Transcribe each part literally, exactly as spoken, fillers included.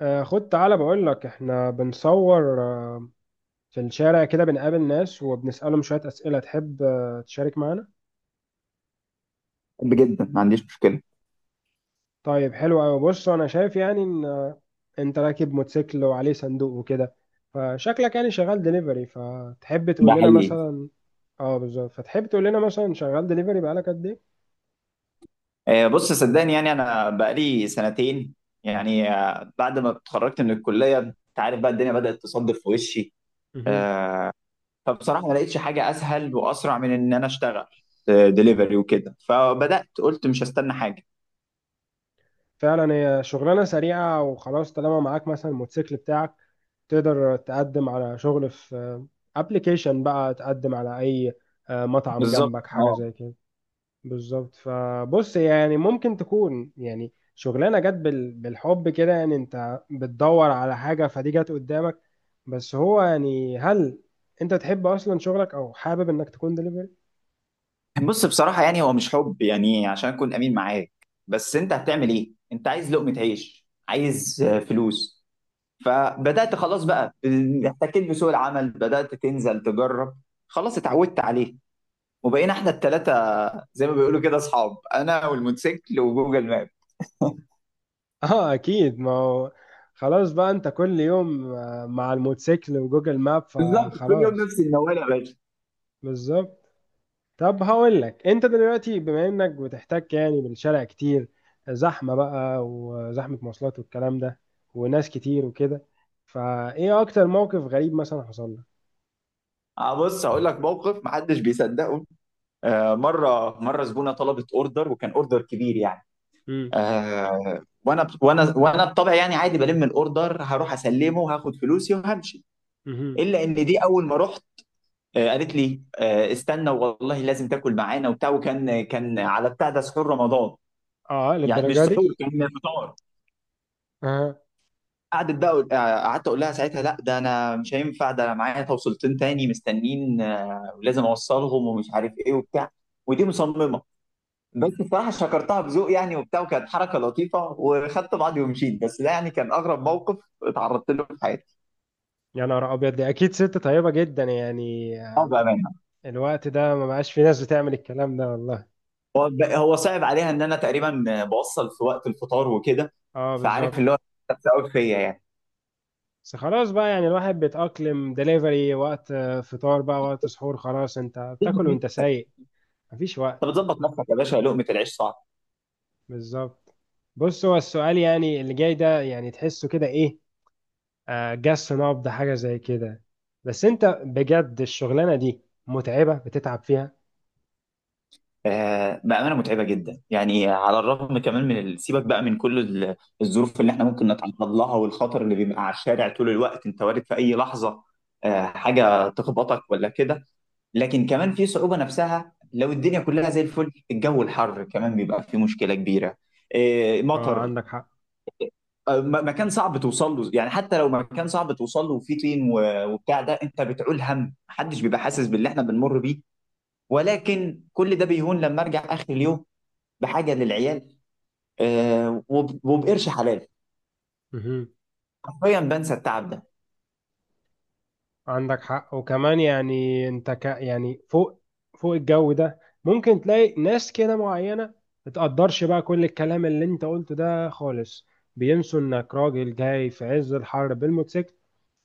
آه، خد تعالى بقول لك احنا بنصور آه، في الشارع كده بنقابل ناس وبنسألهم شوية أسئلة تحب آه، تشارك معانا. بحب جدا ما عنديش مشكلة. طيب، حلو أوي. بص أنا شايف يعني إن آه، أنت راكب موتوسيكل وعليه صندوق وكده، فشكلك يعني شغال دليفري. فتحب ده تقول لنا حقيقي. مثلا؟ اه بالظبط، فتحب تقول لنا مثلا شغال دليفري بقالك قد إيه؟ آه، بص صدقني يعني أنا بقالي سنتين، يعني آه، بعد ما اتخرجت من الكلية أنت عارف بقى الدنيا بدأت تصدف في وشي. مهم. آه، فبصراحة ما لقيتش حاجة أسهل وأسرع من إن أنا أشتغل دليفري وكده، فبدأت قلت مش هستنى حاجة. فعلا هي شغلانة سريعة وخلاص، طالما معاك مثلا الموتوسيكل بتاعك تقدر تقدم على شغل في ابلكيشن بقى، تقدم على اي آه، مطعم بالظبط جنبك، حاجة اه. زي كده. بالظبط. فبص يعني ممكن تكون يعني شغلانة جت بال- بالحب كده، يعني انت بتدور على حاجة فدي جت قدامك. بس هو يعني، هل انت تحب اصلا شغلك، او حابب انك تكون دليفري؟ بص بصراحة يعني هو مش حب، يعني عشان أكون أمين معاك، بس أنت هتعمل إيه؟ أنت عايز لقمة عيش، عايز آه، فلوس. فبدات خلاص بقى، احتكيت بسوق العمل، بدات تنزل تجرب، خلاص اتعودت عليه. وبقينا احنا الثلاثه زي ما بيقولوا كده اصحاب، انا والموتوسيكل وجوجل ماب. اه اكيد، ما هو خلاص بقى انت كل يوم آه، مع الموتوسيكل وجوجل ماب بالظبط كل يوم فخلاص. نفس الموال يا باشا. بالظبط. طب هقول لك، انت دلوقتي بما انك بتحتك يعني بالشارع كتير، زحمة بقى وزحمة مواصلات والكلام ده، وناس كتير وكده، فايه اكتر موقف غريب مثلا حصل لك؟ آه، بص هقول لك موقف محدش بيصدقه. آه، مره مره زبونه طلبت اوردر، وكان اوردر كبير يعني. امم. آه، وانا وانا وانا بطبعي يعني عادي بلم الاوردر، هروح اسلمه وهاخد فلوسي وهمشي. امم. الا ان دي اول ما رحت آه، قالت لي آه، استنى، والله لازم تاكل معانا وبتاع، وكان كان على بتاع ده سحور رمضان. اه يعني مش للدرجة دي؟ سحور، كان فطار. اه. قعدت بقى أقول- آه، قعدت اقول لها ساعتها لا، ده انا مش هينفع، ده انا معايا توصيلتين تاني مستنين آه، ولازم اوصلهم ومش عارف ايه وبتاع. ودي مصممه، بس بصراحه شكرتها بذوق يعني وبتاع، وكانت حركه لطيفه، وخدت بعضي ومشيت. بس ده يعني كان اغرب موقف اتعرضت له في حياتي. يا نهار ابيض، دي اكيد ست طيبة جدا يعني. اه بامانه. الوقت ده ما بقاش في ناس بتعمل الكلام ده والله. هو هو صعب عليها ان انا تقريبا بوصل في وقت الفطار وكده. اه فعارف اللي هو بالظبط. قوي فيا يعني. بس خلاص بقى يعني الواحد بيتأقلم، دليفري وقت آه، فطار بقى وقت سحور، خلاص انت بتاكل وانت انت سايق، مفيش وقت. بتظبط نفسك يا باشا، لقمه العيش صعب. بالظبط. بص هو السؤال يعني اللي جاي ده، يعني تحسه كده ايه، آه جس نبض حاجة زي كده، بس انت بجد الشغلانة دي متعبة؟ بتتعب فيها؟ آه بامانه متعبه جدا يعني، على الرغم كمان من ال- سيبك بقى من كل ال- الظروف اللي احنا ممكن نتعرض لها، والخطر اللي بيبقى على الشارع طول الوقت، انت وارد في اي لحظه آه حاجه تخبطك ولا كده. لكن كمان في صعوبه نفسها، لو الدنيا كلها زي الفل الجو الحر كمان بيبقى فيه مشكله كبيره، آه اه مطر، عندك حق. آه، م- مكان صعب توصل له، يعني حتى لو مكان صعب توصل له وفيه طين و- وبتاع ده، انت بتعول هم، محدش بيبقى حاسس باللي احنا بنمر بيه. ولكن كل ده بيهون لما ارجع اخر اليوم بحاجه للعيال، آه، وب- وبقرش حلال، مهم. حرفيا بنسى التعب ده. عندك حق. وكمان يعني انت ك يعني فوق فوق الجو ده ممكن تلاقي ناس كده معينة متقدرش بقى كل الكلام اللي انت قلته ده خالص، بينسوا انك راجل جاي في عز الحر بالموتوسيكل،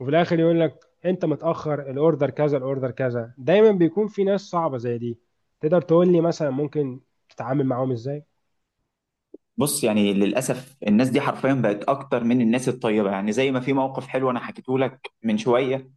وفي الاخر يقول لك انت متاخر، الاوردر كذا الاوردر كذا. دايما بيكون في ناس صعبه زي دي. تقدر تقول لي مثلا ممكن تتعامل معاهم ازاي؟ بص يعني للاسف الناس دي حرفيا بقت اكتر من الناس الطيبه، يعني زي ما في موقف حلو انا حكيته لك من شويه،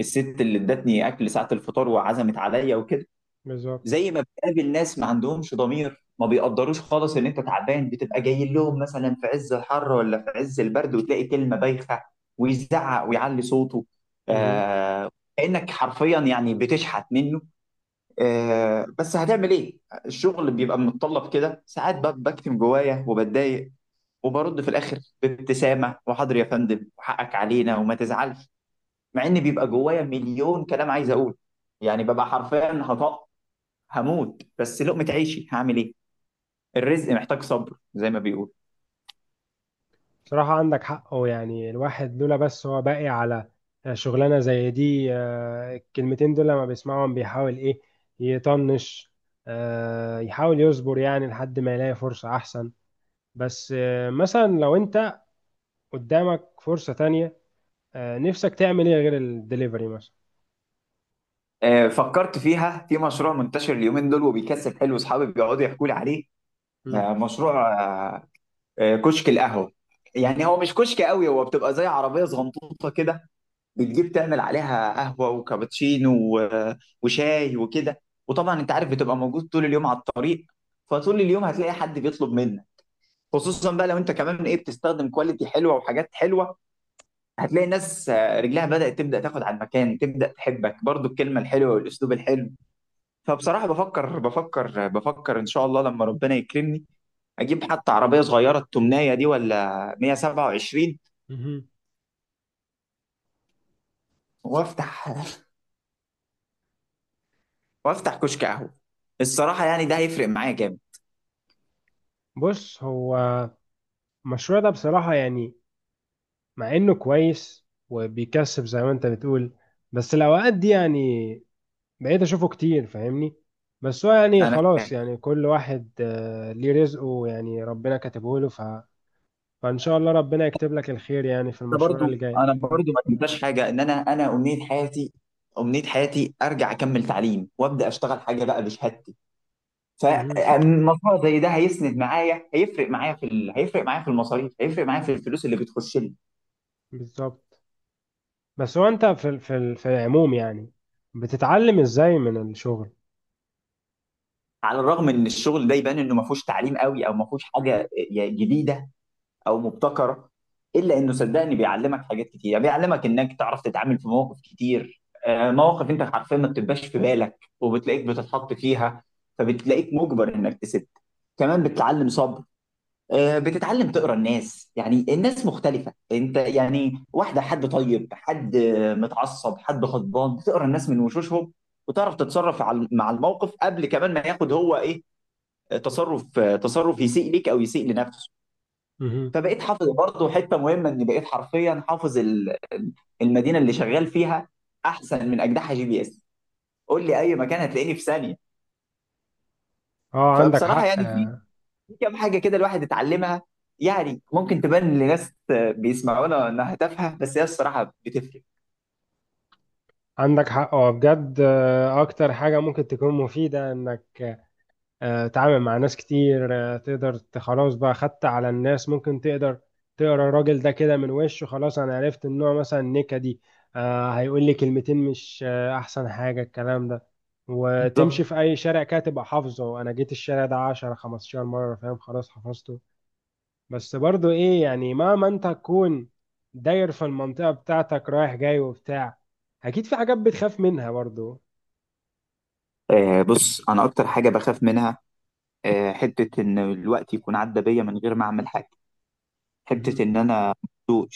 الست اللي ادتني اكل ساعه الفطار وعزمت عليا وكده، بالظبط. زي ما بتقابل ناس ما عندهمش ضمير، ما بيقدروش خالص ان انت تعبان بتبقى جاي لهم، مثلا في عز الحر ولا في عز البرد، وتلاقي كلمة بايخة ويزعق ويعلي صوته. مهم. آه، كأنك حرفيا يعني بتشحت منه. آه، بس هتعمل ايه؟ الشغل بيبقى متطلب كده ساعات، ب- بكتم جوايا وبتضايق وبرد في الاخر بابتسامة وحاضر يا فندم وحقك علينا وما تزعلش، مع ان بيبقى جوايا مليون كلام عايز اقول. يعني ببقى حرفيا هطقطق، هموت، بس لقمة عيشي هعمل ايه؟ الرزق محتاج صبر زي ما بيقول. صراحه عندك حق. هو يعني الواحد لولا، بس هو باقي على شغلانه زي دي آه، الكلمتين دول لما بيسمعهم بيحاول ايه، يطنش، آه، يحاول يصبر يعني لحد ما يلاقي فرصه احسن. بس آه، مثلا لو انت قدامك فرصه تانية، آه، نفسك تعمل ايه غير الدليفري مثلا؟ آه، فكرت فيها، في مشروع منتشر اليومين دول وبيكسب حلو، اصحابي بيقعدوا يحكوا لي عليه. مم. آه، مشروع آه، آه، كشك القهوة. يعني هو مش كشك قوي، هو بتبقى زي عربية صغنطوطة كده، بتجيب تعمل عليها قهوة وكابتشينو و- وشاي وكده. وطبعا انت عارف بتبقى موجود طول اليوم على الطريق، فطول اليوم هتلاقي حد بيطلب منك، خصوصا بقى لو انت كمان ايه بتستخدم كواليتي حلوة وحاجات حلوة، هتلاقي ناس آه، رجلها بدأت تبدأ تاخد على المكان، تبدأ تحبك برضو الكلمة الحلوة والأسلوب الحلو. فبصراحة بفكر بفكر بفكر، إن شاء الله لما ربنا يكرمني أجيب حتى عربية صغيرة التمناية دي ولا مية وسبعة وعشرين مهم. وأفتح وأفتح كشك قهوة. الصراحة يعني ده هيفرق معايا جامد. بص هو المشروع ده بصراحة يعني، مع إنه كويس وبيكسب زي ما أنت بتقول، بس الأوقات دي يعني بقيت أشوفه كتير، فاهمني؟ بس هو يعني أنا خلاص، فاهم. يعني كل واحد آه، ليه رزقه، يعني ربنا كاتبه له ف... فإن شاء الله ربنا يكتب لك الخير يعني في أنا المشروع برضو اللي جاي. أنا برضو ما تنساش حاجة، إن أنا أنا أمنية حياتي أمنية حياتي أرجع أكمل تعليم وأبدأ أشتغل حاجة بقى بشهادتي. مهم. فمشروع زي ده هيسند معايا، هيفرق معايا في ال... هيفرق معايا في المصاريف، هيفرق معايا في الفلوس اللي بتخش لي. بالظبط. بس هو أنت في ال- في ال- في العموم يعني بتتعلم إزاي من الشغل؟ على الرغم ان الشغل ده يبان انه ما فيهوش تعليم قوي او ما فيهوش حاجه جديده او مبتكره، الا انه صدقني بيعلمك حاجات كتير، بيعلمك انك تعرف تتعامل في مواقف كتير، آه، مواقف انت حرفيا ما بتبقاش في بالك وبتلاقيك بتتحط فيها، فبتلاقيك مجبر انك تسد. كمان بتتعلم صبر، آه، بتتعلم تقرا الناس. يعني الناس مختلفة انت يعني واحدة، حد طيب، حد آه، متعصب، حد غضبان، بتقرا الناس من وشوشهم وتعرف تتصرف على- مع الموقف قبل كمان ما ياخد هو ايه، آه، تصرف آه، تصرف يسيء ليك او يسيء لنفسه. مهم. فبقيت حافظ برضه حتة مهمة، ان بقيت حرفيا حافظ ال- ال- المدينة اللي شغال فيها احسن من اجدحها جي بي اس، قول لي اي مكان هتلاقيني في ثانية. اه عندك فبصراحة حق. يعني آه، كام حاجه كده الواحد اتعلمها، يعني ممكن تبان لناس بيسمعونا انها تافهه، بس هي الصراحه بتفرق. عندك حق. هو بجد آه، اكتر حاجة ممكن تكون مفيدة انك آه، تتعامل مع ناس كتير، آه، تقدر ت- خلاص بقى خدت على الناس، ممكن تقدر تقرا الراجل ده كده من وشه. خلاص انا عرفت ان هو مثلا نكدي، آه، هيقول لي كلمتين مش آه، احسن حاجة الكلام ده. وتمشي بالظبط. في اي شارع كده تبقى حافظه، انا جيت الشارع ده عشرة خمستاشر مرة، فاهم؟ خلاص حفظته. بس برضو ايه يعني، مهما انت تكون داير في المنطقة بتاعتك رايح جاي وبتاع، اكيد في حاجات بتخاف منها برضو؟ آه، بص انا اكتر حاجه بخاف منها، آه حته ان الوقت يكون عدى بيا من غير ما اعمل حاجه، مهم. حته ان انا،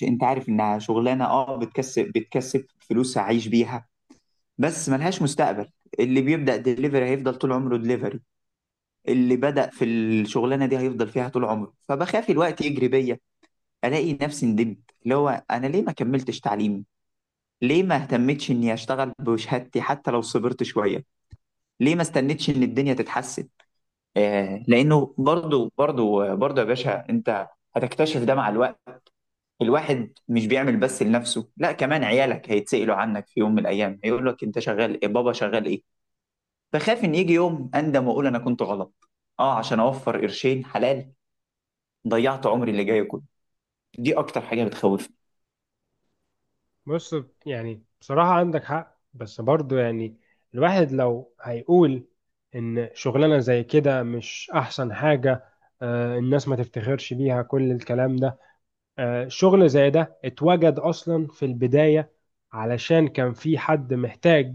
انت عارف انها شغلانه اه، بتكسب بتكسب فلوس اعيش بيها، بس ملهاش مستقبل. اللي بيبدا دليفري هيفضل طول عمره دليفري، اللي بدا في الشغلانه دي هيفضل فيها طول عمره. فبخاف الوقت يجري بيا، الاقي نفسي ندمت، اللي هو انا ليه ما كملتش تعليمي، ليه ما اهتمتش اني اشتغل بشهادتي حتى لو صبرت شويه، ليه ما استنيتش ان الدنيا تتحسن. آه، لانه برضو برضو برضو يا باشا انت هتكتشف ده مع الوقت. الواحد مش بيعمل بس لنفسه، لا كمان عيالك هيتسألوا عنك في يوم من الايام، هيقول لك انت شغال ايه بابا، شغال ايه. فخاف ان يجي يوم اندم واقول انا كنت غلط، اه عشان اوفر قرشين حلال ضيعت عمري اللي جاي كله. دي اكتر حاجه بتخوف. بص يعني بصراحة عندك حق، بس برضو يعني الواحد لو هيقول إن شغلانة زي كده مش أحسن حاجة، آه، الناس ما تفتخرش بيها، كل الكلام ده، آه، شغل زي ده اتوجد أصلا في البداية علشان كان في حد محتاج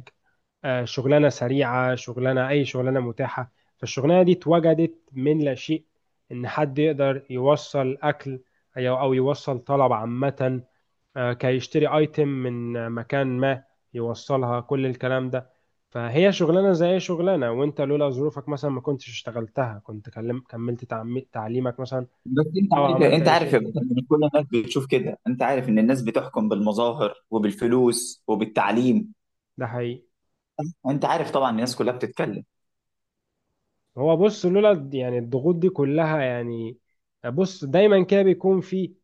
آه، شغلانه سريعه، شغلانه، اي شغلانه متاحه. فالشغلانه دي اتوجدت من لا شيء، ان حد يقدر يوصل اكل، أي- او يوصل طلب، عامه آه، كي يشتري ايتم من آه، مكان ما، يوصلها، كل الكلام ده. فهي شغلانه زي اي شغلانه، وانت لولا ظروفك مثلا ما كنتش اشتغلتها، كنت كلم كملت تعمي- تعليمك مثلا، بس انت او عارف، عملت انت اي عارف شيء يا تاني. بطل، ان كل الناس بتشوف كده، انت عارف ان الناس بتحكم بالمظاهر وبالفلوس وبالتعليم، ده حقيقي. انت عارف طبعا الناس كلها بتتكلم. هو بص لولا د- يعني الضغوط دي كلها يعني. بص دايما كده بيكون في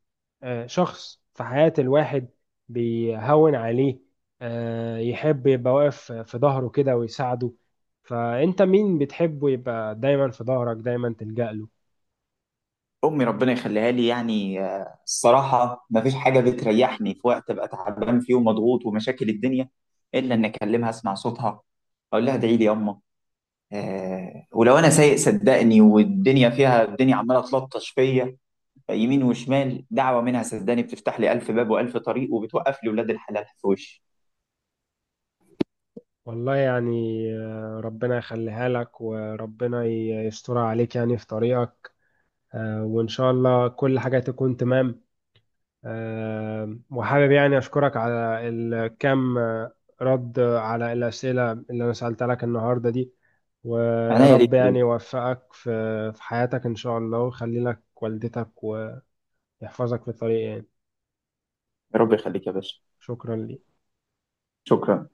آه، شخص في حياة الواحد بيهون عليه، آه، يحب يبقى واقف في ظهره كده ويساعده. فأنت مين بتحبه يبقى دايما في ظهرك، دايما تلجأ له؟ امي ربنا يخليها لي، يعني آه، الصراحه ما فيش حاجه بتريحني في وقت ابقى تعبان فيه ومضغوط ومشاكل الدنيا الا ان اكلمها، اسمع صوتها، اقول لها ادعي لي يما. آه، ولو انا سايق صدقني والدنيا فيها، الدنيا عماله تلطش فيا يمين وشمال، دعوه منها صدقني بتفتح لي الف باب والف طريق، وبتوقف لي ولاد الحلال في وشي. والله يعني آه، ربنا يخليها لك، وربنا ي- يسترها عليك يعني في طريقك، آه، وإن شاء الله كل حاجة تكون تمام. آم، وحابب يعني أشكرك على الكم آه، رد على الأسئلة اللي أنا سألتها لك النهاردة دي، ويا عناية ليك رب يا يعني باشا. يوفقك في في حياتك إن شاء الله، ويخلي لك والدتك، ويحفظك في طريق يعني. يا رب يخليك يا باشا. شكرا لي. شكرا.